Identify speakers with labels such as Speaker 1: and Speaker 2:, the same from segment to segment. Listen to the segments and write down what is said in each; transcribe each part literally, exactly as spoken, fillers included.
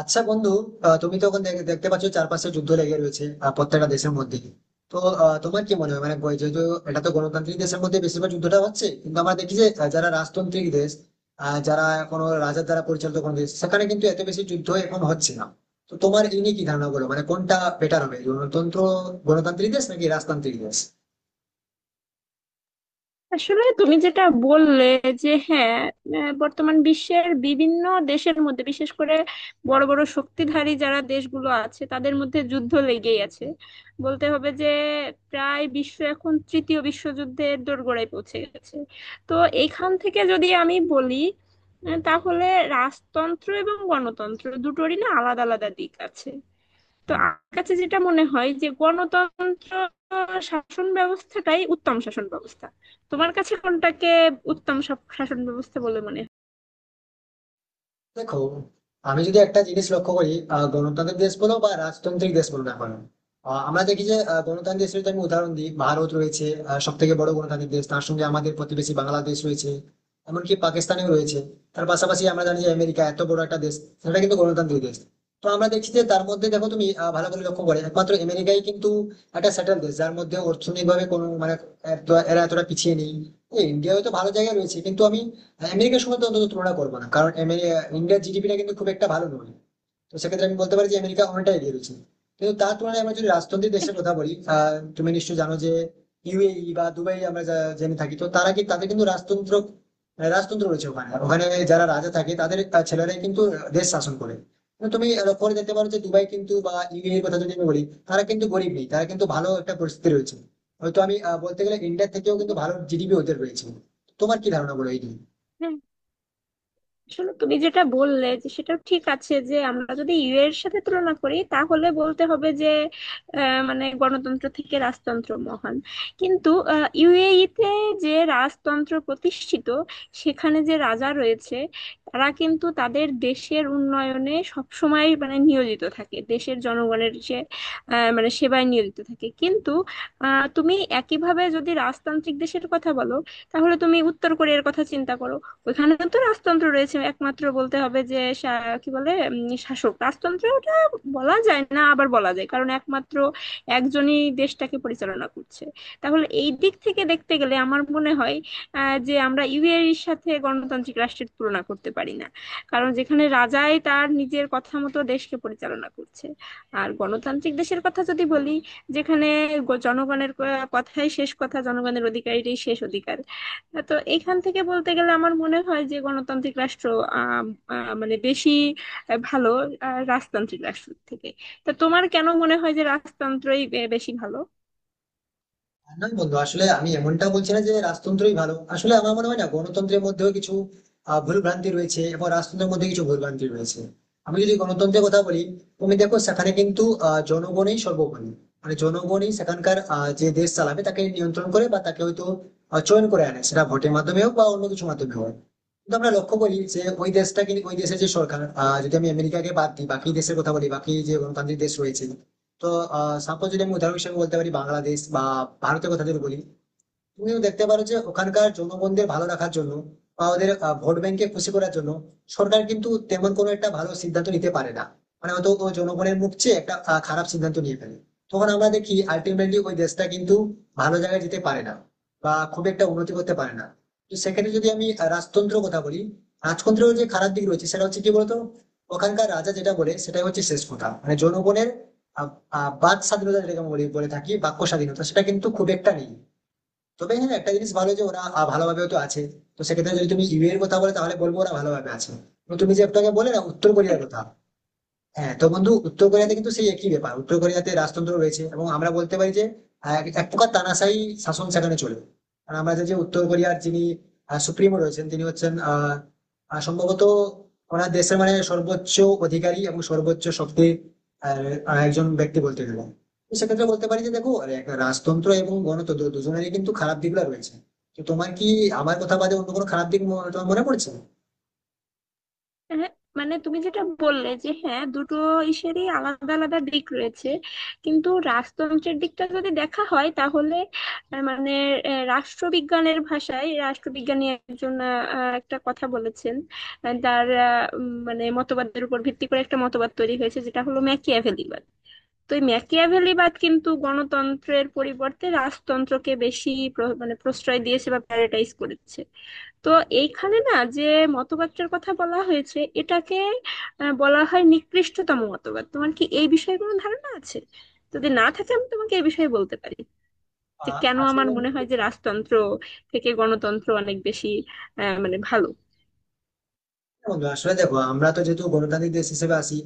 Speaker 1: আচ্ছা বন্ধু। আহ, তুমি তো এখন দেখ- দেখতে পাচ্ছ চারপাশে যুদ্ধ লেগে রয়েছে আহ, প্রত্যেকটা দেশের মধ্যে। তো আহ, তোমার কি মনে হয়, মানে বই- যেহেতু এটা তো গণতান্ত্রিক দেশের মধ্যে বেশিরভাগ যুদ্ধটা হচ্ছে, কিন্তু আমরা দেখি যে আহ, যারা রাজতান্ত্রিক দেশ, আহ, যারা কোনো রাজার দ্বারা পরিচালিত কোনো দেশ, সেখানে কিন্তু এত বেশি যুদ্ধ এখন হচ্ছে না। তো তোমার এই নিয়ে কি ধারণা বলো, মানে কোনটা বেটার হবে, গণতন্ত্র, গণতান্ত্রিক দেশ নাকি রাজতান্ত্রিক দেশ?
Speaker 2: আসলে তুমি যেটা বললে যে হ্যাঁ, আহ, বর্তমান বিশ্বের বিভিন্ন দেশের মধ্যে বিশেষ করে বড় বড় শক্তিধারী যারা দেশগুলো আছে তাদের মধ্যে যুদ্ধ লেগেই আছে। বলতে হবে যে প্রায় বিশ্ব এখন তৃতীয় বিশ্বযুদ্ধের দোরগোড়ায় পৌঁছে গেছে। তো এইখান থেকে যদি আমি বলি, আহ, তাহলে রাজতন্ত্র এবং গণতন্ত্র দুটোরই না আলাদা আলাদা দিক আছে। তো আমার কাছে যেটা মনে হয় যে গণতন্ত্র শাসন ব্যবস্থাটাই উত্তম শাসন ব্যবস্থা। তোমার কাছে কোনটাকে উত্তম শাসন ব্যবস্থা বলে মনে
Speaker 1: দেখো, আমি যদি একটা জিনিস লক্ষ্য করি, আহ, গণতান্ত্রিক দেশ বলো বা রাজতান্ত্রিক দেশ বলো না কেন, আহ, আমরা দেখি যে আহ, গণতান্ত্রিক দেশের যদি আমি উদাহরণ দিই, ভারত রয়েছে, সব থেকে বড় গণতান্ত্রিক দেশ। তার সঙ্গে আমাদের প্রতিবেশী বাংলাদেশ রয়েছে, এমনকি পাকিস্তানেও রয়েছে। তার পাশাপাশি আমরা জানি যে আমেরিকা এত বড় একটা দেশ, সেটা কিন্তু গণতান্ত্রিক দেশ। তো আমরা দেখছি যে তার মধ্যে দেখো তুমি, আহ, ভালো করে লক্ষ্য করে একমাত্র আমেরিকাই কিন্তু একটা সেটেল দেশ, যার মধ্যে অর্থনৈতিকভাবে কোনো মানে এত- এরা এতটা পিছিয়ে নেই। ইন্ডিয়া হয়তো ভালো জায়গায় রয়েছে, কিন্তু আমি মানে আমেরিকার সঙ্গে তো অন্তত তুলনা করবো না, কারণ আমেরি- ইন্ডিয়ার জিডিপিটা কিন্তু খুব একটা ভালো নয়। তো সেক্ষেত্রে আমি বলতে পারি যে আমেরিকা অনেকটা এগিয়ে রয়েছে। কিন্তু তার তুলনায় আমরা যদি রাজতন্ত্রের দেশের কথা বলি, আহ, তুমি নিশ্চয়ই জানো যে ইউএই বা দুবাই আমরা যা- জেনে থাকি, তো তারা কি তাদের কিন্তু রাজতন্ত্র, আহ, রাজতন্ত্র রয়েছে ওখানে। আর ওখানে যারা রাজা থাকে তাদের আহ, ছেলেরাই কিন্তু দেশ শাসন করে। কিন্তু তুমি লক্ষ্য করে দেখতে পারো যে দুবাই কিন্তু বা ইউএই এর কথা যদি আমি বলি, তারা কিন্তু গরিব নেই, তারা কিন্তু ভালো একটা পরিস্থিতি রয়েছে। হয়তো আমি আহ, বলতে গেলে ইন্ডিয়ার থেকেও কিন্তু ভালো জিডিপি ওদের রয়েছে। তোমার কি ধারণা বলো এই নিয়ে?
Speaker 2: হয়? আসলে তুমি যেটা বললে যে সেটাও ঠিক আছে, যে আমরা যদি ইউ এর সাথে তুলনা করি তাহলে বলতে হবে যে আহ, মানে গণতন্ত্র থেকে রাজতন্ত্র মহান। কিন্তু ইউএই তে যে রাজতন্ত্র প্রতিষ্ঠিত, সেখানে যে রাজা রয়েছে তারা কিন্তু তাদের দেশের উন্নয়নে সবসময় মানে নিয়োজিত থাকে, দেশের জনগণের সে আহ, মানে সেবায় নিয়োজিত থাকে। কিন্তু আহ, তুমি একইভাবে যদি রাজতান্ত্রিক দেশের কথা বলো, তাহলে তুমি উত্তর কোরিয়ার কথা চিন্তা করো। ওইখানে তো রাজতন্ত্র রয়েছে, একমাত্র বলতে হবে যে শা- কি বলে উম, শাসক রাজতন্ত্র ওটা বলা যায় না, আবার বলা যায় কারণ একমাত্র একজনই দেশটাকে পরিচালনা করছে। তাহলে এই দিক থেকে দেখতে গেলে আমার মনে হয় আহ, যে আমরা ইউএর সাথে গণতান্ত্রিক রাষ্ট্রের তুলনা করতে পারি না, কারণ যেখানে রাজাই তার নিজের কথা মতো দেশকে পরিচালনা করছে। আর গণতান্ত্রিক দেশের কথা যদি বলি, যেখানে গ- জনগণের ক- কথাই শেষ কথা, জনগণের অধিকারই শেষ অধিকার। হ্যাঁ, তো এখান থেকে বলতে গেলে আমার মনে হয় যে গণতান্ত্রিক রাষ্ট্র আম, আহ, মানে বেশি আহ, ভালো আহ, রাজতান্ত্রিক রাষ্ট্র থেকে। তা তোমার কেন মনে হয় যে রাজতন্ত্রই বে- বেশি ভালো?
Speaker 1: না বন্ধু, আসলে আমি এমনটা বলছি না যে রাজতন্ত্রই ভালো, আসলে আমার মনে হয় না, গণতন্ত্রের মধ্যেও কিছু আহ, ভুলভ্রান্তি রয়েছে এবং রাজতন্ত্রের মধ্যে কিছু ভুলভ্রান্তি রয়েছে। আমি যদি গণতন্ত্রের কথা বলি, তুমি দেখো সেখানে কিন্তু আহ, জনগণই সর্বোপরি, মানে জনগণই সেখানকার আহ, যে দেশ চালাবে তাকে নিয়ন্ত্রণ করে বা তাকে হয়তো আহ, চয়ন করে আনে, সেটা ভোটের মাধ্যমে হোক বা অন্য কিছু মাধ্যমে হোক। কিন্তু আমরা লক্ষ্য করি যে ওই দেশটা কিন্তু ওই দেশের যে সরকার, আহ, যদি আমি আমেরিকাকে বাদ দিই বাকি দেশের কথা বলি, বাকি যে গণতান্ত্রিক দেশ রয়েছে, তো সাপোজ যদি আমি উদাহরণ হিসেবে বলতে পারি বাংলাদেশ বা ভারতের কথা যদি বলি, তুমিও দেখতে পারো যে ওখানকার জনগণদের ভালো রাখার জন্য বা ওদের আহ, ভোট ব্যাংকে খুশি করার জন্য, সরকার কিন্তু তেমন কোনো একটা ভালো সিদ্ধান্ত নিতে পারে না। মানে হয়তো ও জনগণের মুখ চেয়ে একটা আহ, খারাপ সিদ্ধান্ত নিয়ে ফেলে, তখন আমরা দেখি আলটিমেটলি ওই দেশটা কিন্তু ভালো জায়গায় যেতে পারে না বা খুব একটা উন্নতি করতে পারে না। তো সেক্ষেত্রে যদি আমি আহ, রাজতন্ত্র কথা বলি, রাজতন্ত্রের যে খারাপ দিক রয়েছে সেটা হচ্ছে কি বলতো, ওখানকার রাজা যেটা বলে সেটাই হচ্ছে শেষ কথা। মানে জনগণের আহ, আহ, বাক স্বাধীনতা, যেটাকে আমরা বলি- বলে থাকি বাক্য স্বাধীনতা, সেটা কিন্তু খুব একটা নেই। তবে হ্যাঁ, একটা জিনিস ভালো যে ওরা আহ, ভালোভাবেও তো আছে। তো সেক্ষেত্রে যদি তুমি ইউ এর কথা বলে তাহলে বলবো ওরা ভালোভাবে আছে। এবং তুমি যে একটু আগে বলে না উত্তর কোরিয়ার কথা, হ্যাঁ, তো বন্ধু উত্তর কোরিয়াতে কিন্তু সেই একই ব্যাপার, উত্তর কোরিয়াতে রাজতন্ত্র রয়েছে এবং আমরা বলতে পারি যে আহ, এক এক প্রকার তানাশাই শাসন সেখানে চলে। কারণ আমরা জানি যে উত্তর কোরিয়ার যিনি সুপ্রিমো রয়েছেন তিনি হচ্ছেন আহ আহ, সম্ভবত ওনার দেশের মানে সর্বোচ্চ অধিকারী এবং সর্বোচ্চ শক্তির আহ, আহ, একজন ব্যক্তি বলতে গেলে। তো সেক্ষেত্রে বলতে পারি যে দেখো, এক রাজতন্ত্র এবং গণতন্ত্র দুজনেরই কিন্তু খারাপ দিকগুলো রয়েছে। তো তোমার কি আমার কথা বাদে অন্য কোনো খারাপ দিক মনে- তোমার মনে পড়ছে?
Speaker 2: হ্যাঁ, মানে তুমি যেটা বললে যে হ্যাঁ, দুটো ইসেরই আলাদা আলাদা দিক রয়েছে। কিন্তু রাজতন্ত্রের দিকটা যদি দেখা হয় তাহলে আহ, মানে আহ, রাষ্ট্রবিজ্ঞানের ভাষায় রাষ্ট্রবিজ্ঞানী একজন আহ, আহ, একটা কথা বলেছেন। আহ, তার আহ, উম, মানে মতবাদের উপর ভিত্তি করে একটা মতবাদ তৈরি হয়েছে, যেটা হলো ম্যাকিয়াভেলিবাদ। তো এই ম্যাকিয়াভেলিবাদ কিন্তু গণতন্ত্রের পরিবর্তে রাজতন্ত্রকে বেশি প্র- মানে প্রশ্রয় দিয়েছে বা প্যারাটাইজ করেছে। তো এইখানে না যে মতবাদটার কথা বলা হয়েছে, এটাকে আহ, বলা হয় নিকৃষ্টতম মতবাদ। তোমার কি এই বিষয়ে কোনো ধারণা আছে? যদি না থাকে আমি তোমাকে এই বিষয়ে বলতে পারি যে
Speaker 1: আহ
Speaker 2: কেন
Speaker 1: আসলে
Speaker 2: আমার
Speaker 1: বন্ধু
Speaker 2: মনে হয় যে রাজতন্ত্র থেকে গণতন্ত্র অনেক বেশি আহ, মানে ভালো।
Speaker 1: বন্ধু আসলে দেখো, আমরা তো যেহেতু গণতান্ত্রিক দেশ হিসেবে আছি,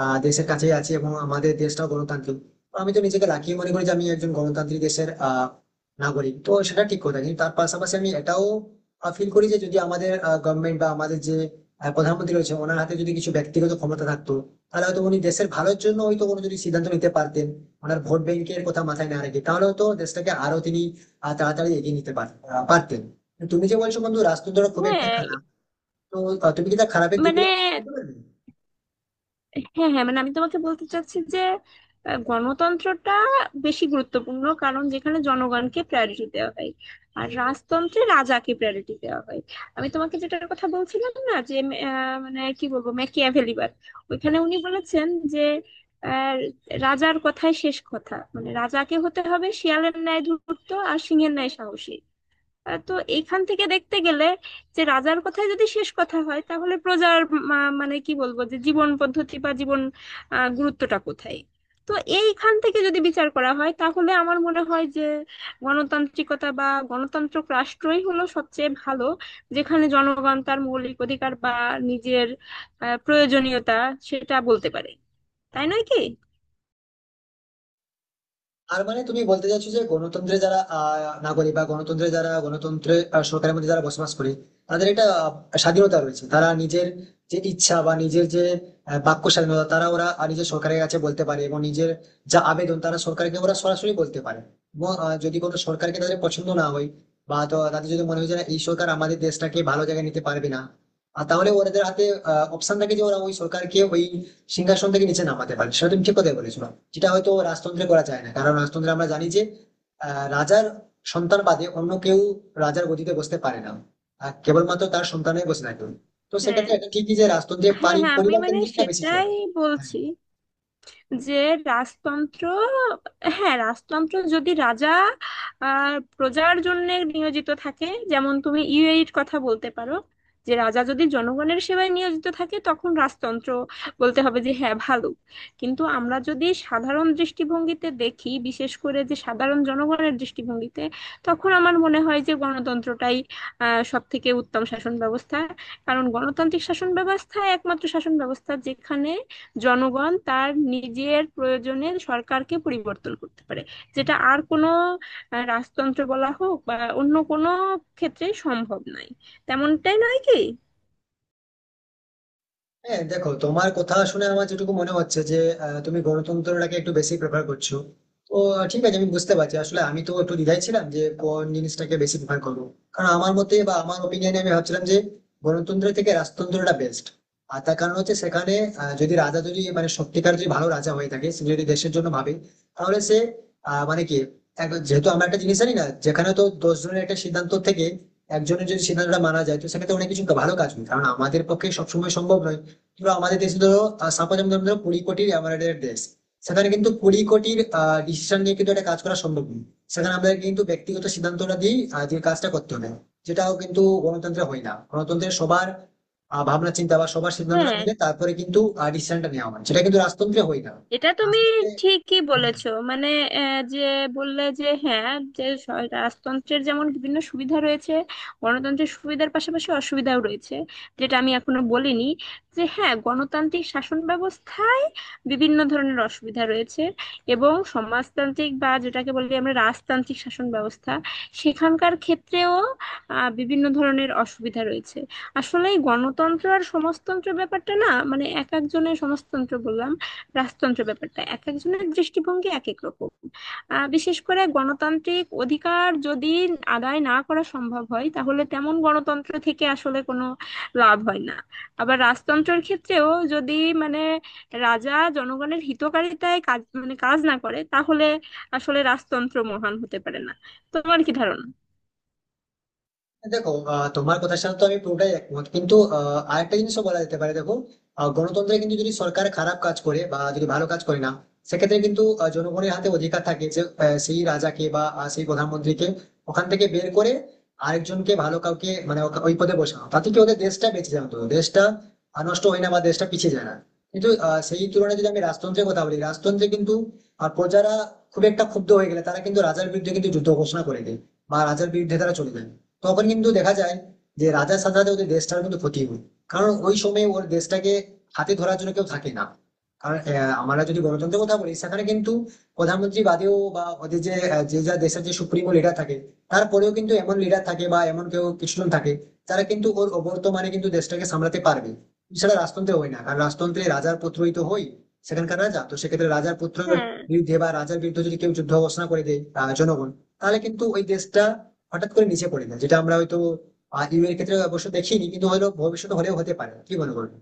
Speaker 1: আহ দেশের কাছেই আছি এবং আমাদের দেশটাও গণতান্ত্রিক, তো আমি তো নিজেকে লাকি মনে করি যে আমি একজন গণতান্ত্রিক দেশের আহ নাগরিক। তো সেটা ঠিক কথা, কিন্তু তার পাশাপাশি আমি এটাও ফিল করি যে যদি আমাদের গভর্নমেন্ট বা আমাদের যে আহ, প্রধানমন্ত্রী রয়েছে, ওনার হাতে যদি কিছু ব্যক্তিগত ক্ষমতা থাকতো, তাহলে হয়তো উনি দেশের ভালোর জন্য হয়তো কোনো যদি সিদ্ধান্ত নিতে পারতেন, ওনার ভোট ব্যাংকের কথা মাথায় না রেখে, তাহলে হয়তো দেশটাকে আরো তিনি আহ, তাড়াতাড়ি এগিয়ে নিতে পার- আহ, পারতেন। তুমি যে বলছো বন্ধু রাজতন্ত্র খুব একটা
Speaker 2: হ্যাঁ
Speaker 1: খারাপ, তো আহ, তুমি কি তার খারাপের
Speaker 2: মানে
Speaker 1: দিকগুলো বলতে পারবে?
Speaker 2: হ্যাঁ হ্যাঁ, মানে আমি তোমাকে বলতে চাচ্ছি যে আহ, গণতন্ত্রটা বেশি গুরুত্বপূর্ণ, কারণ যেখানে জনগণকে প্রায়োরিটি দেওয়া হয়, আর রাজতন্ত্রে রাজাকে প্রায়োরিটি দেওয়া হয়। আমি তোমাকে যেটার কথা বলছিলাম না, যে আহ, মানে কি বলবো, ম্যাকিয়াভেলিবাদ ওইখানে উনি বলেছেন যে আহ, রাজার কথাই শেষ কথা, মানে রাজাকে হতে হবে শিয়ালের ন্যায় ধূর্ত আর সিংহের ন্যায় সাহসী। আহ, তো এইখান থেকে দেখতে গেলে যে রাজার কথাই যদি শেষ কথা হয় তাহলে প্রজার মা- মানে কি বলবো যে জীবন পদ্ধতি বা জীবন আহ, গুরুত্বটা কোথায়? তো এইখান থেকে যদি বিচার করা হয় তাহলে আমার মনে হয় যে গণতান্ত্রিকতা বা গণতান্ত্রিক রাষ্ট্রই হলো সবচেয়ে ভালো, যেখানে জনগণ তার মৌলিক অধিকার বা নিজের আহ, প্রয়োজনীয়তা সেটা বলতে পারে। তাই নয় কি?
Speaker 1: আর মানে তুমি বলতে চাইছো যে গণতন্ত্রে যারা আহ, নাগরিক বা গণতন্ত্রে যারা গণতন্ত্রে আহ, সরকারের মধ্যে যারা বসবাস করে, তাদের একটা আহ, স্বাধীনতা রয়েছে, তারা নিজের যে ইচ্ছা বা নিজের যে আহ, বাক্য স্বাধীনতা, তারা ওরা আহ, নিজের সরকারের কাছে বলতে পারে এবং নিজের যা আবেদন তারা সরকারকে ওরা সরাসরি বলতে পারে। এবং আহ, যদি কোনো সরকারকে তাদের পছন্দ না হয় বা তো তাদের যদি মনে হয় যে না, এই সরকার আমাদের দেশটাকে ভালো জায়গায় নিতে পারবে না, আর তাহলে ওদের হাতে অপশন থাকে যে ওরা ওই সরকারকে ওই সিংহাসন থেকে নিচে নামাতে পারে। সেটা তুমি ঠিক কথাই বলেছো, যেটা হয়তো রাজতন্ত্রে করা যায় না, কারণ রাজতন্ত্রে আমরা জানি যে আহ, রাজার সন্তান বাদে অন্য কেউ রাজার গদিতে বসতে পারে না, আর কেবলমাত্র তার সন্তানই বসে থাকে। তো
Speaker 2: হ্যাঁ
Speaker 1: সেক্ষেত্রে এটা ঠিকই যে রাজতন্ত্রে
Speaker 2: হ্যাঁ,
Speaker 1: পারি-
Speaker 2: হ্যাঁ আমি
Speaker 1: পরিবার
Speaker 2: মানে
Speaker 1: কেন্দ্রিকটা বেশি
Speaker 2: সেটাই
Speaker 1: চলে। হ্যাঁ,
Speaker 2: বলছি যে রাজতন্ত্র, হ্যাঁ রাজতন্ত্র যদি রাজা আর প্রজার জন্য নিয়োজিত থাকে, যেমন তুমি ইউএইর কথা বলতে পারো, যে রাজা যদি জনগণের সেবায় নিয়োজিত থাকে তখন রাজতন্ত্র বলতে হবে যে হ্যাঁ ভালো। কিন্তু আমরা যদি সাধারণ দৃষ্টিভঙ্গিতে দেখি, বিশেষ করে যে সাধারণ জনগণের দৃষ্টিভঙ্গিতে, তখন আমার মনে হয় যে গণতন্ত্রটাই আহ সব থেকে উত্তম শাসন ব্যবস্থা, কারণ গণতান্ত্রিক শাসন ব্যবস্থা একমাত্র শাসন ব্যবস্থা যেখানে জনগণ তার নিজের প্রয়োজনে সরকারকে পরিবর্তন করতে পারে, যেটা আর কোনো আহ, রাজতন্ত্র বলা হোক বা অন্য কোনো ক্ষেত্রে সম্ভব নয়। তেমনটাই নয় কি?
Speaker 1: হ্যাঁ, দেখো, তোমার কথা শুনে আমার যেটুকু মনে হচ্ছে যে আহ, তুমি গণতন্ত্রটাকে একটু বেশি প্রেফার করছো। তো আহ, ঠিক আছে, আমি বুঝতে পারছি। আসলে আমি তো একটু দ্বিধায় ছিলাম যে কোন জিনিসটাকে বেশি প্রেফার করবো, কারণ আমার মতে বা আমার ওপিনিয়নে আমি ভাবছিলাম যে গণতন্ত্র থেকে রাজতন্ত্রটা বেস্ট। আর তার কারণ হচ্ছে সেখানে আহ, যদি রাজা যদি মানে সত্যিকার যদি ভালো রাজা হয়ে থাকে, সে যদি দেশের জন্য ভাবে, তাহলে সে আহ মানে কি এক- যেহেতু আমরা একটা জিনিস জানি না, যেখানে তো দশ জনের একটা সিদ্ধান্ত থেকে একজনের যদি সিদ্ধান্তটা মানা যায়, তো সেক্ষেত্রে অনেক কিছু ভালো কাজ হয়, কারণ আমাদের পক্ষে সবসময় সম্ভব নয়। কিংবা আমাদের দেশে ধরো, সাপোজ আমি ধরো কুড়ি কোটির এমআরআইয়ের দেশ, সেখানে কিন্তু কুড়ি কোটির ডিসিশন নিয়ে কিন্তু একটা কাজ করা সম্ভব নয়, সেখানে আমাদের কিন্তু ব্যক্তিগত সিদ্ধান্তটা দিয়ে আহ, যে কাজটা করতে হবে, যেটাও কিন্তু গণতন্ত্রে হয় না। গণতন্ত্রে সবার আহ, ভাবনা চিন্তা বা সবার সিদ্ধান্তটা
Speaker 2: হ্যাঁ,
Speaker 1: মিলে তারপরে কিন্তু ডিসিশনটা নেওয়া হয়, সেটা কিন্তু রাজতন্ত্রে হয় না।
Speaker 2: এটা তুমি
Speaker 1: রাজতন্ত্রে
Speaker 2: ঠিকই
Speaker 1: হ্যাঁ,
Speaker 2: বলেছো মানে আহ, যে বললে যে হ্যাঁ, যে স- রাজতন্ত্রের যেমন বিভিন্ন সুবিধা রয়েছে, গণতন্ত্রের সুবিধার পাশাপাশি অসুবিধাও রয়েছে, যেটা আমি এখনো বলিনি। যে হ্যাঁ, গণতান্ত্রিক শাসন ব্যবস্থায় বিভিন্ন ধরনের অসুবিধা রয়েছে এবং সমাজতান্ত্রিক বা যেটাকে বলি আমরা রাজতান্ত্রিক শাসন ব্যবস্থা, সেখানকার ক্ষেত্রেও আহ, বিভিন্ন ধরনের অসুবিধা রয়েছে। আসলে এই গণতন্ত্র আর সমাজতন্ত্র ব্যাপারটা না, মানে এক একজনের সমাজতন্ত্র বললাম, রাজতন্ত্র ব্যাপারটা এক একজনের দৃষ্টিভঙ্গি এক এক রকম। আহ, বিশেষ করে গণতান্ত্রিক অধিকার যদি আদায় না করা সম্ভব হয় তাহলে তেমন গণতন্ত্র থেকে আসলে কোনো লাভ হয় না। আবার রাজতন্ত্রের ক্ষেত্রেও যদি মানে রাজা জনগণের হিতকারিতায় কাজ মানে কাজ না করে তাহলে আসলে রাজতন্ত্র মহান হতে পারে না। তোমার কি ধারণা?
Speaker 1: দেখো আহ, তোমার কথার সাথে তো আমি পুরোটাই একমত, কিন্তু আহ, আরেকটা জিনিসও বলা যেতে পারে। দেখো আহ, গণতন্ত্রে কিন্তু যদি সরকার খারাপ কাজ করে বা যদি ভালো কাজ করে না, সেক্ষেত্রে কিন্তু আহ, জনগণের হাতে অধিকার থাকে যে আহ, সেই রাজাকে বা আহ, সেই প্রধানমন্ত্রীকে ওখান থেকে বের করে আরেকজনকে, ভালো কাউকে, মানে ওকে- ওই পদে বসানো। তাতে কি ওদের দেশটা বেঁচে যায়, অন্তত দেশটা আহ, নষ্ট হয় না বা দেশটা পিছিয়ে যায় না। কিন্তু আহ, সেই তুলনায় যদি আমি রাজতন্ত্রের কথা বলি, রাজতন্ত্রে কিন্তু আহ, প্রজারা খুব একটা ক্ষুব্ধ হয়ে গেলে তারা কিন্তু রাজার বিরুদ্ধে কিন্তু যুদ্ধ ঘোষণা করে দেয় বা রাজার বিরুদ্ধে তারা চলে যায়। তখন কিন্তু দেখা যায় যে রাজার সাথে সাথে ওদের দেশটার কিন্তু ক্ষতি হয়, কারণ ওই সময়ে ওর দেশটাকে হাতে ধরার জন্য কেউ থাকে না। কারণ আহ, আমরা যদি গণতন্ত্রের কথা বলি সেখানে কিন্তু প্রধানমন্ত্রী বাদেও বা ওদের যে আহ, যে যা দেশের যে সুপ্রিমো লিডার থাকে, তারপরেও কিন্তু এমন লিডার থাকে বা এমন কেউ কিছুজন থাকে, তারা কিন্তু ওর বর্তমানে কিন্তু দেশটাকে সামলাতে পারবে। সেটা রাজতন্ত্রে হয় না, কারণ রাজতন্ত্রে রাজার পুত্রই তো হয় সেখানকার রাজা। তো সেক্ষেত্রে রাজার পুত্রের
Speaker 2: হ্যাঁ
Speaker 1: বিরুদ্ধে বা রাজার বিরুদ্ধে যদি কেউ যুদ্ধ ঘোষণা করে দেয়, আহ, জনগণ, তাহলে কিন্তু ওই দেশটা হঠাৎ করে নিচে পড়ে যায়। যেটা আমরা হয়তো ইউ এর ক্ষেত্রে অবশ্য দেখিনি, কিন্তু হলো ভবিষ্যতে হলেও হতে পারে, কি মনে করবে?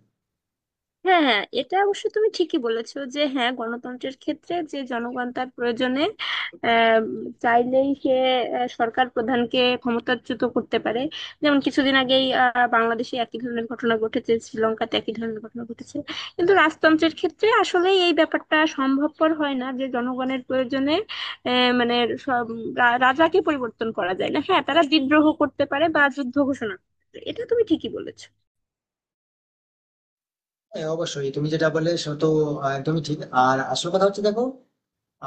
Speaker 2: হ্যাঁ হ্যাঁ, এটা অবশ্য তুমি ঠিকই বলেছো যে হ্যাঁ গণতন্ত্রের ক্ষেত্রে যে জনগণ তার প্রয়োজনে আহ, চাইলেই সে আহ, সরকার প্রধানকে ক্ষমতাচ্যুত করতে পারে। যেমন কিছুদিন আগেই আহ, বাংলাদেশে একই ধরনের ঘটনা ঘটেছে, শ্রীলঙ্কাতে একই ধরনের ঘটনা ঘটেছে। কিন্তু রাজতন্ত্রের ক্ষেত্রে আসলে এই ব্যাপারটা সম্ভবপর হয় না যে জনগণের প্রয়োজনে আহ, মানে সব রা- রাজাকে পরিবর্তন করা যায় না। হ্যাঁ, তারা বিদ্রোহ করতে পারে বা যুদ্ধ ঘোষণা করতে পারে। এটা তুমি ঠিকই বলেছো।
Speaker 1: হ্যাঁ অবশ্যই তুমি যেটা বললে সে তো আহ, একদমই ঠিক। আর আসল কথা হচ্ছে দেখো,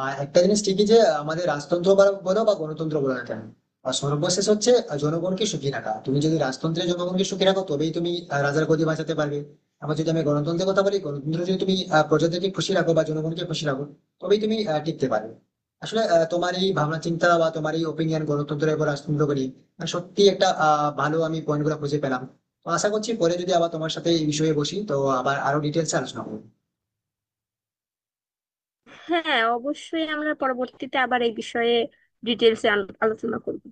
Speaker 1: আহ একটা জিনিস ঠিকই যে আমাদের রাজতন্ত্র বা- বলো বা গণতন্ত্র বলো না কেন, আর সর্বশেষ হচ্ছে জনগণকে সুখী রাখা। তুমি যদি রাজতন্ত্রে জনগণকে সুখী রাখো তবেই তুমি আহ, রাজার গদি বাঁচাতে পারবে। আবার যদি আমি গণতন্ত্রের কথা বলি, গণতন্ত্র যদি তুমি আহ, প্রজাদেরকে খুশি রাখো বা জনগণকে খুশি রাখো, তবেই তুমি আহ, টিকতে পারবে। আসলে আহ, তোমার এই ভাবনা চিন্তা বা তোমার এই ওপিনিয়ন গণতন্ত্র এবং রাজতন্ত্রকে নিয়ে আহ, সত্যি একটা আহ ভালো আমি পয়েন্ট গুলো খুঁজে পেলাম। তো আশা করছি পরে যদি আবার তোমার সাথে এই বিষয়ে বসি তো আবার আরো ডিটেলস আলোচনা করবো।
Speaker 2: হ্যাঁ অবশ্যই আমরা পরবর্তীতে আবার এই বিষয়ে ডিটেলসে আলোচনা করব।